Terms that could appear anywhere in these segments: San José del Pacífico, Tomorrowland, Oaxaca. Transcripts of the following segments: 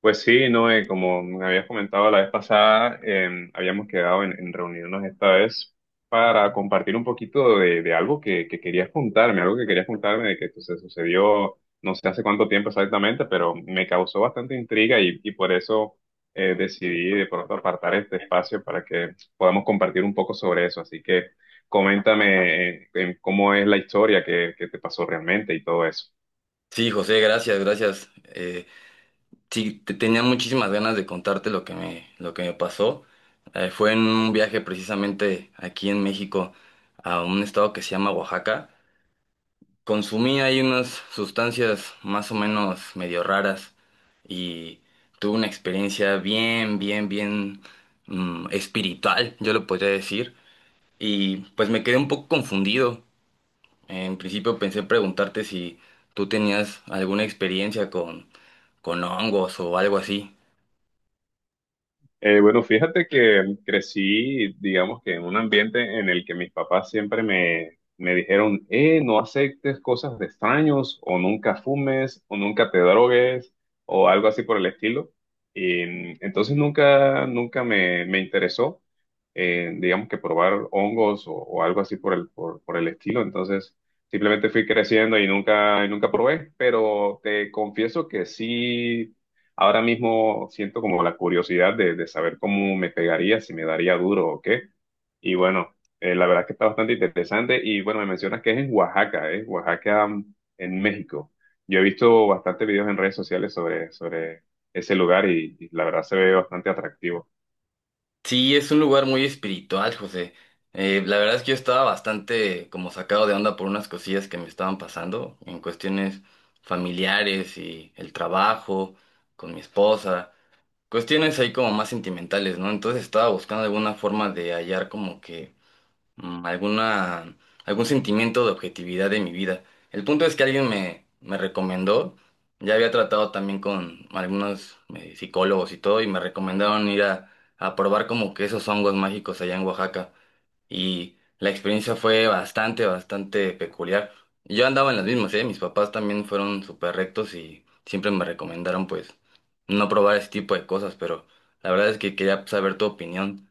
Pues sí, Noé, como me habías comentado la vez pasada, habíamos quedado en reunirnos esta vez para compartir un poquito de algo que querías contarme, algo que querías contarme de que pues, se sucedió no sé hace cuánto tiempo exactamente, pero me causó bastante intriga y por eso decidí de pronto apartar este espacio para que podamos compartir un poco sobre eso. Así que coméntame cómo es la historia que te pasó realmente y todo eso. Sí, José, gracias, gracias. Sí, tenía muchísimas ganas de contarte lo que me pasó. Fue en un viaje precisamente aquí en México a un estado que se llama Oaxaca. Consumí ahí unas sustancias más o menos medio raras y tuve una experiencia bien, bien, bien espiritual, yo lo podría decir. Y pues me quedé un poco confundido. En principio pensé preguntarte si tú tenías alguna experiencia con hongos o algo así. Bueno, fíjate que crecí, digamos que en un ambiente en el que mis papás siempre me dijeron, no aceptes cosas de extraños, o nunca fumes, o nunca te drogues, o algo así por el estilo. Y entonces nunca me interesó, digamos que probar hongos o algo así por por el estilo. Entonces simplemente fui creciendo y nunca probé, pero te confieso que sí. Ahora mismo siento como la curiosidad de saber cómo me pegaría, si me daría duro o qué. Y bueno, la verdad es que está bastante interesante. Y bueno, me mencionas que es en Oaxaca, ¿eh? Oaxaca, mm, en México. Yo he visto bastantes videos en redes sociales sobre ese lugar y la verdad se ve bastante atractivo. Sí, es un lugar muy espiritual, José. La verdad es que yo estaba bastante como sacado de onda por unas cosillas que me estaban pasando en cuestiones familiares y el trabajo, con mi esposa, cuestiones ahí como más sentimentales, ¿no? Entonces estaba buscando alguna forma de hallar como que mm, alguna, algún sentimiento de objetividad de mi vida. El punto es que alguien me recomendó, ya había tratado también con algunos psicólogos y todo, y me recomendaron ir a probar como que esos hongos mágicos allá en Oaxaca. Y la experiencia fue bastante, bastante peculiar. Yo andaba en las mismas, ¿eh? Mis papás también fueron súper rectos y siempre me recomendaron pues no probar ese tipo de cosas, pero la verdad es que quería saber tu opinión.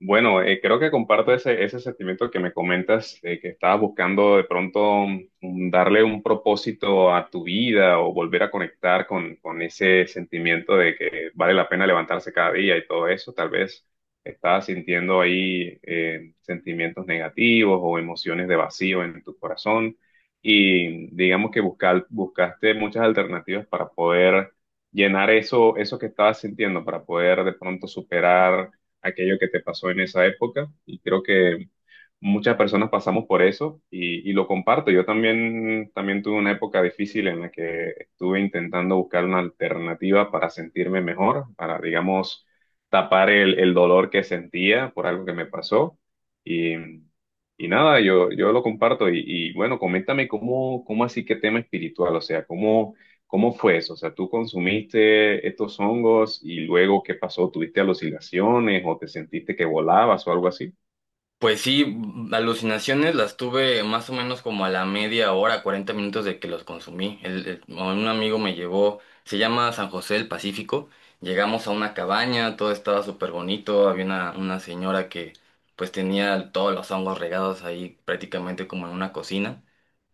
Bueno, creo que comparto ese sentimiento que me comentas, de que estabas buscando de pronto darle un propósito a tu vida o volver a conectar con ese sentimiento de que vale la pena levantarse cada día y todo eso. Tal vez estabas sintiendo ahí sentimientos negativos o emociones de vacío en tu corazón y digamos que buscaste muchas alternativas para poder llenar eso que estabas sintiendo, para poder de pronto superar aquello que te pasó en esa época y creo que muchas personas pasamos por eso y lo comparto. Yo también, también tuve una época difícil en la que estuve intentando buscar una alternativa para sentirme mejor, para, digamos, tapar el dolor que sentía por algo que me pasó. Y, y nada, yo lo comparto y bueno, coméntame cómo así que tema espiritual, o sea, cómo... ¿Cómo fue eso? O sea, ¿tú consumiste estos hongos y luego qué pasó? ¿Tuviste alucinaciones o te sentiste que volabas o algo así? Pues sí, alucinaciones las tuve más o menos como a la media hora, 40 minutos de que los consumí. Un amigo me llevó, se llama San José del Pacífico. Llegamos a una cabaña, todo estaba súper bonito. Había una señora que pues tenía todos los hongos regados ahí prácticamente como en una cocina.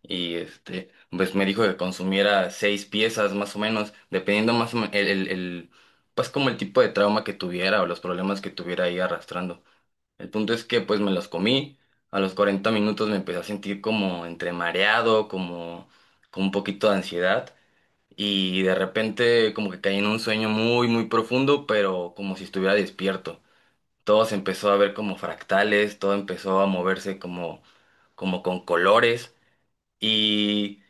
Y este, pues me dijo que consumiera seis piezas más o menos, dependiendo más o menos pues como el tipo de trauma que tuviera o los problemas que tuviera ahí arrastrando. El punto es que pues me los comí. A los 40 minutos me empecé a sentir como entre mareado, como con un poquito de ansiedad. Y de repente como que caí en un sueño muy, muy profundo, pero como si estuviera despierto. Todo se empezó a ver como fractales, todo empezó a moverse como con colores. Y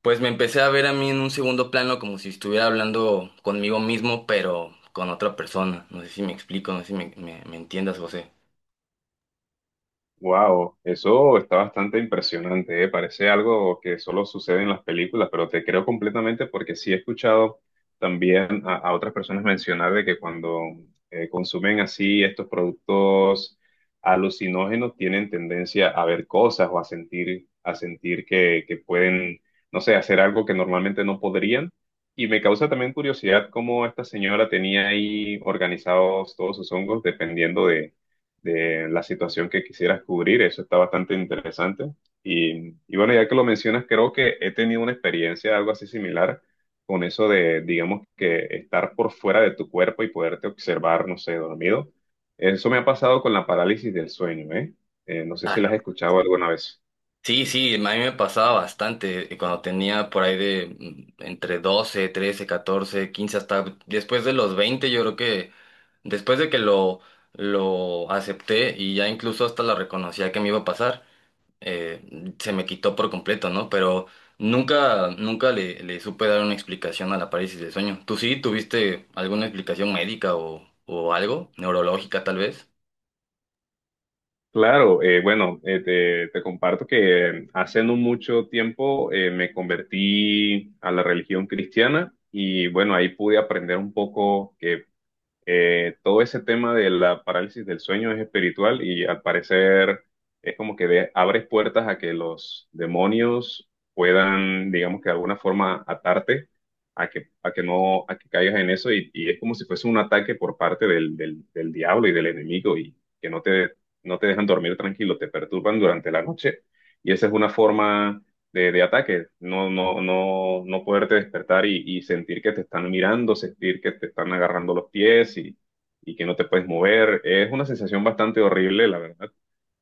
pues me empecé a ver a mí en un segundo plano como si estuviera hablando conmigo mismo, pero con otra persona. No sé si me explico, no sé si me entiendas, José. Wow, eso está bastante impresionante, ¿eh? Parece algo que solo sucede en las películas, pero te creo completamente porque sí he escuchado también a otras personas mencionar de que cuando consumen así estos productos alucinógenos tienen tendencia a ver cosas o a sentir que pueden, no sé, hacer algo que normalmente no podrían. Y me causa también curiosidad cómo esta señora tenía ahí organizados todos sus hongos dependiendo de la situación que quisieras cubrir. Eso está bastante interesante. Y bueno, ya que lo mencionas, creo que he tenido una experiencia algo así similar con eso de, digamos, que estar por fuera de tu cuerpo y poderte observar, no sé, dormido. Eso me ha pasado con la parálisis del sueño, ¿eh? No sé si las has escuchado alguna vez. Sí, sí, a mí me pasaba bastante cuando tenía por ahí de entre 12, 13, 14, 15 hasta después de los 20 yo creo que después de que lo acepté y ya incluso hasta la reconocía que me iba a pasar, se me quitó por completo, ¿no? Pero nunca, nunca le supe dar una explicación a la parálisis del sueño. ¿Tú sí tuviste alguna explicación médica o algo, neurológica tal vez? Claro, bueno, te comparto que hace no mucho tiempo me convertí a la religión cristiana y bueno, ahí pude aprender un poco que todo ese tema de la parálisis del sueño es espiritual y al parecer es como que abres puertas a que los demonios puedan, digamos que de alguna forma atarte a a que no, a que caigas en eso y es como si fuese un ataque por parte del diablo y del enemigo y que no no te dejan dormir tranquilo, te perturban durante la noche y esa es una forma de ataque, no poderte despertar y sentir que te están mirando, sentir que te están agarrando los pies y que no te puedes mover. Es una sensación bastante horrible, la verdad.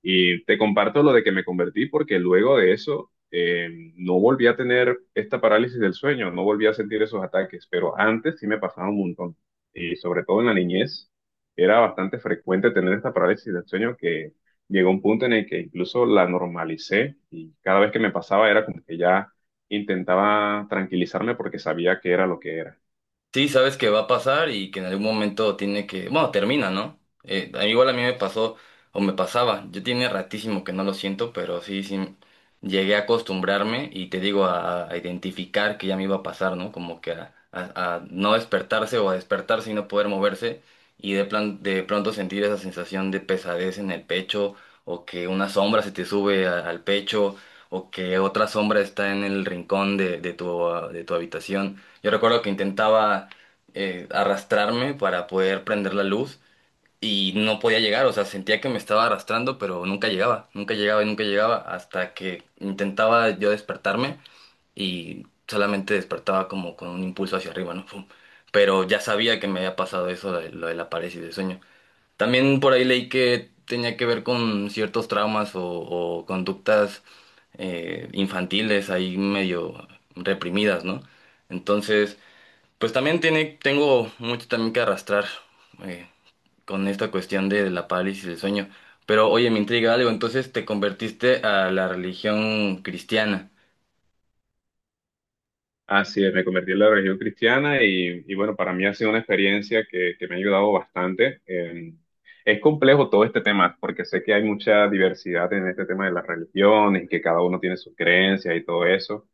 Y te comparto lo de que me convertí porque luego de eso no volví a tener esta parálisis del sueño, no volví a sentir esos ataques, pero antes sí me pasaba un montón. Y sobre todo en la niñez era bastante frecuente tener esta parálisis del sueño que llegó un punto en el que incluso la normalicé y cada vez que me pasaba era como que ya intentaba tranquilizarme porque sabía que era lo que era. Sí, sabes que va a pasar y que en algún momento tiene que, bueno, termina, ¿no? Igual a mí me pasó o me pasaba, yo tiene ratísimo que no lo siento, pero sí, sí, llegué a acostumbrarme y te digo a identificar que ya me iba a pasar, ¿no? Como que a no despertarse o a despertarse y no poder moverse y de pronto sentir esa sensación de pesadez en el pecho o que una sombra se te sube al pecho o que otra sombra está en el rincón de tu habitación. Yo recuerdo que intentaba arrastrarme para poder prender la luz y no podía llegar, o sea, sentía que me estaba arrastrando, pero nunca llegaba, nunca llegaba y nunca llegaba hasta que intentaba yo despertarme y solamente despertaba como con un impulso hacia arriba, ¿no? Fum. Pero ya sabía que me había pasado eso, lo de la parálisis del sueño. También por ahí leí que tenía que ver con ciertos traumas o conductas infantiles ahí medio reprimidas, ¿no? Entonces... Pues también tengo mucho también que arrastrar eh, con esta cuestión de la parálisis del sueño. Pero oye, me intriga algo, entonces te convertiste a la religión cristiana. Así es, me convertí en la religión cristiana y bueno, para mí ha sido una experiencia que me ha ayudado bastante. Es complejo todo este tema porque sé que hay mucha diversidad en este tema de las religiones, que cada uno tiene sus creencias y todo eso.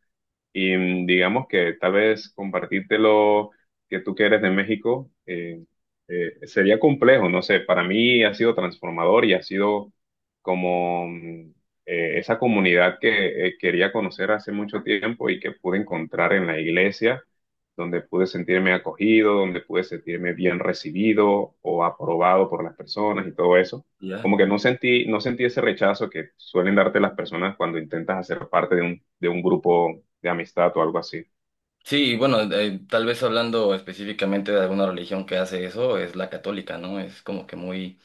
Y digamos que tal vez compartírtelo que tú que eres de México sería complejo, no sé, para mí ha sido transformador y ha sido como esa comunidad que quería conocer hace mucho tiempo y que pude encontrar en la iglesia, donde pude sentirme acogido, donde pude sentirme bien recibido o aprobado por las personas y todo eso ¿Ya? como que no sentí, no sentí ese rechazo que suelen darte las personas cuando intentas hacer parte de de un grupo de amistad o algo así. Sí, y bueno, tal vez hablando específicamente de alguna religión que hace eso, es la católica, ¿no? Es como que muy,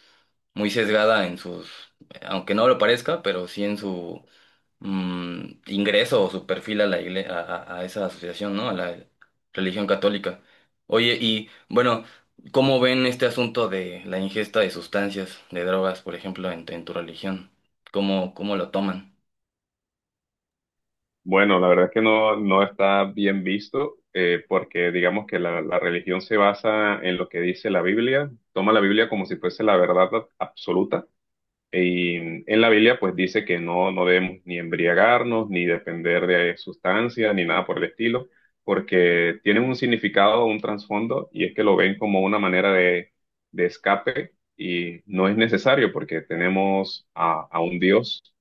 muy sesgada en sus, aunque no lo parezca, pero sí en su ingreso o su perfil a la a esa asociación, ¿no? A la religión católica. Oye, y bueno, ¿cómo ven este asunto de la ingesta de sustancias, de drogas, por ejemplo, en tu religión? ¿¿Cómo lo toman? Bueno, la verdad es que no, no está bien visto porque digamos que la religión se basa en lo que dice la Biblia, toma la Biblia como si fuese la verdad absoluta. Y en la Biblia pues dice que no, no debemos ni embriagarnos, ni depender de sustancias, ni nada por el estilo, porque tienen un significado, un trasfondo, y es que lo ven como una manera de escape y no es necesario porque tenemos a un Dios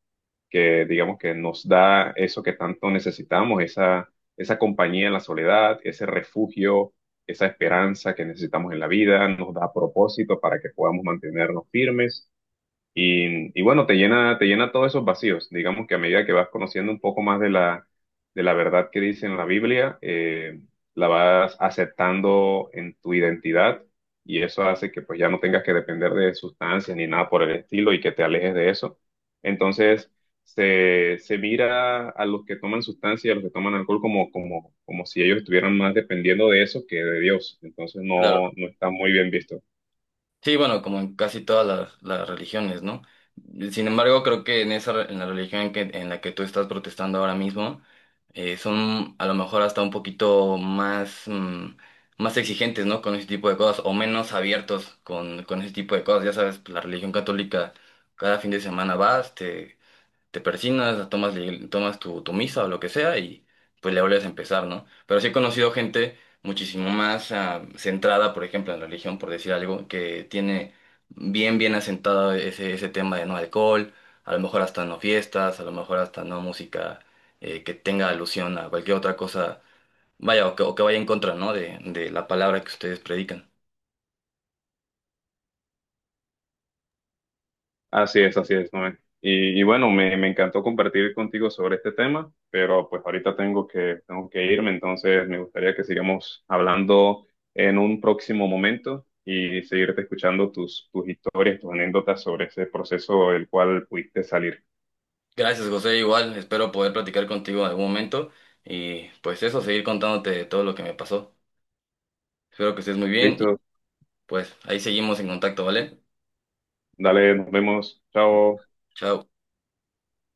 que digamos que nos da eso que tanto necesitamos, esa compañía en la soledad, ese refugio, esa esperanza que necesitamos en la vida, nos da propósito para que podamos mantenernos firmes. Y bueno, te llena todos esos vacíos. Digamos que a medida que vas conociendo un poco más de de la verdad que dice en la Biblia, la vas aceptando en tu identidad y eso hace que pues ya no tengas que depender de sustancias ni nada por el estilo y que te alejes de eso. Entonces, se mira a los que toman sustancias, y a los que toman alcohol como si ellos estuvieran más dependiendo de eso que de Dios. Entonces, no, no está muy bien visto. Sí, bueno, como en casi todas las religiones, ¿no? Sin embargo, creo que en la religión en la que tú estás protestando ahora mismo, son a lo mejor hasta un poquito más, más exigentes, ¿no? Con ese tipo de cosas, o menos abiertos con ese tipo de cosas. Ya sabes, la religión católica, cada fin de semana vas, te persignas, tomas tu misa o lo que sea y pues le vuelves a empezar, ¿no? Pero sí he conocido gente muchísimo más centrada, por ejemplo, en la religión, por decir algo, que tiene bien, bien asentado ese tema de no alcohol, a lo mejor hasta no fiestas, a lo mejor hasta no música que tenga alusión a cualquier otra cosa, vaya, o que, vaya en contra, ¿no? De la palabra que ustedes predican. Así es, Noé. Y bueno, me encantó compartir contigo sobre este tema, pero pues ahorita tengo tengo que irme, entonces me gustaría que sigamos hablando en un próximo momento y seguirte escuchando tus historias, tus anécdotas sobre ese proceso del cual pudiste salir. Gracias, José, igual, espero poder platicar contigo en algún momento y pues eso, seguir contándote todo lo que me pasó. Espero que estés muy bien y Listo, pues ahí seguimos en contacto, ¿vale? dale, nos vemos, chao. Chao.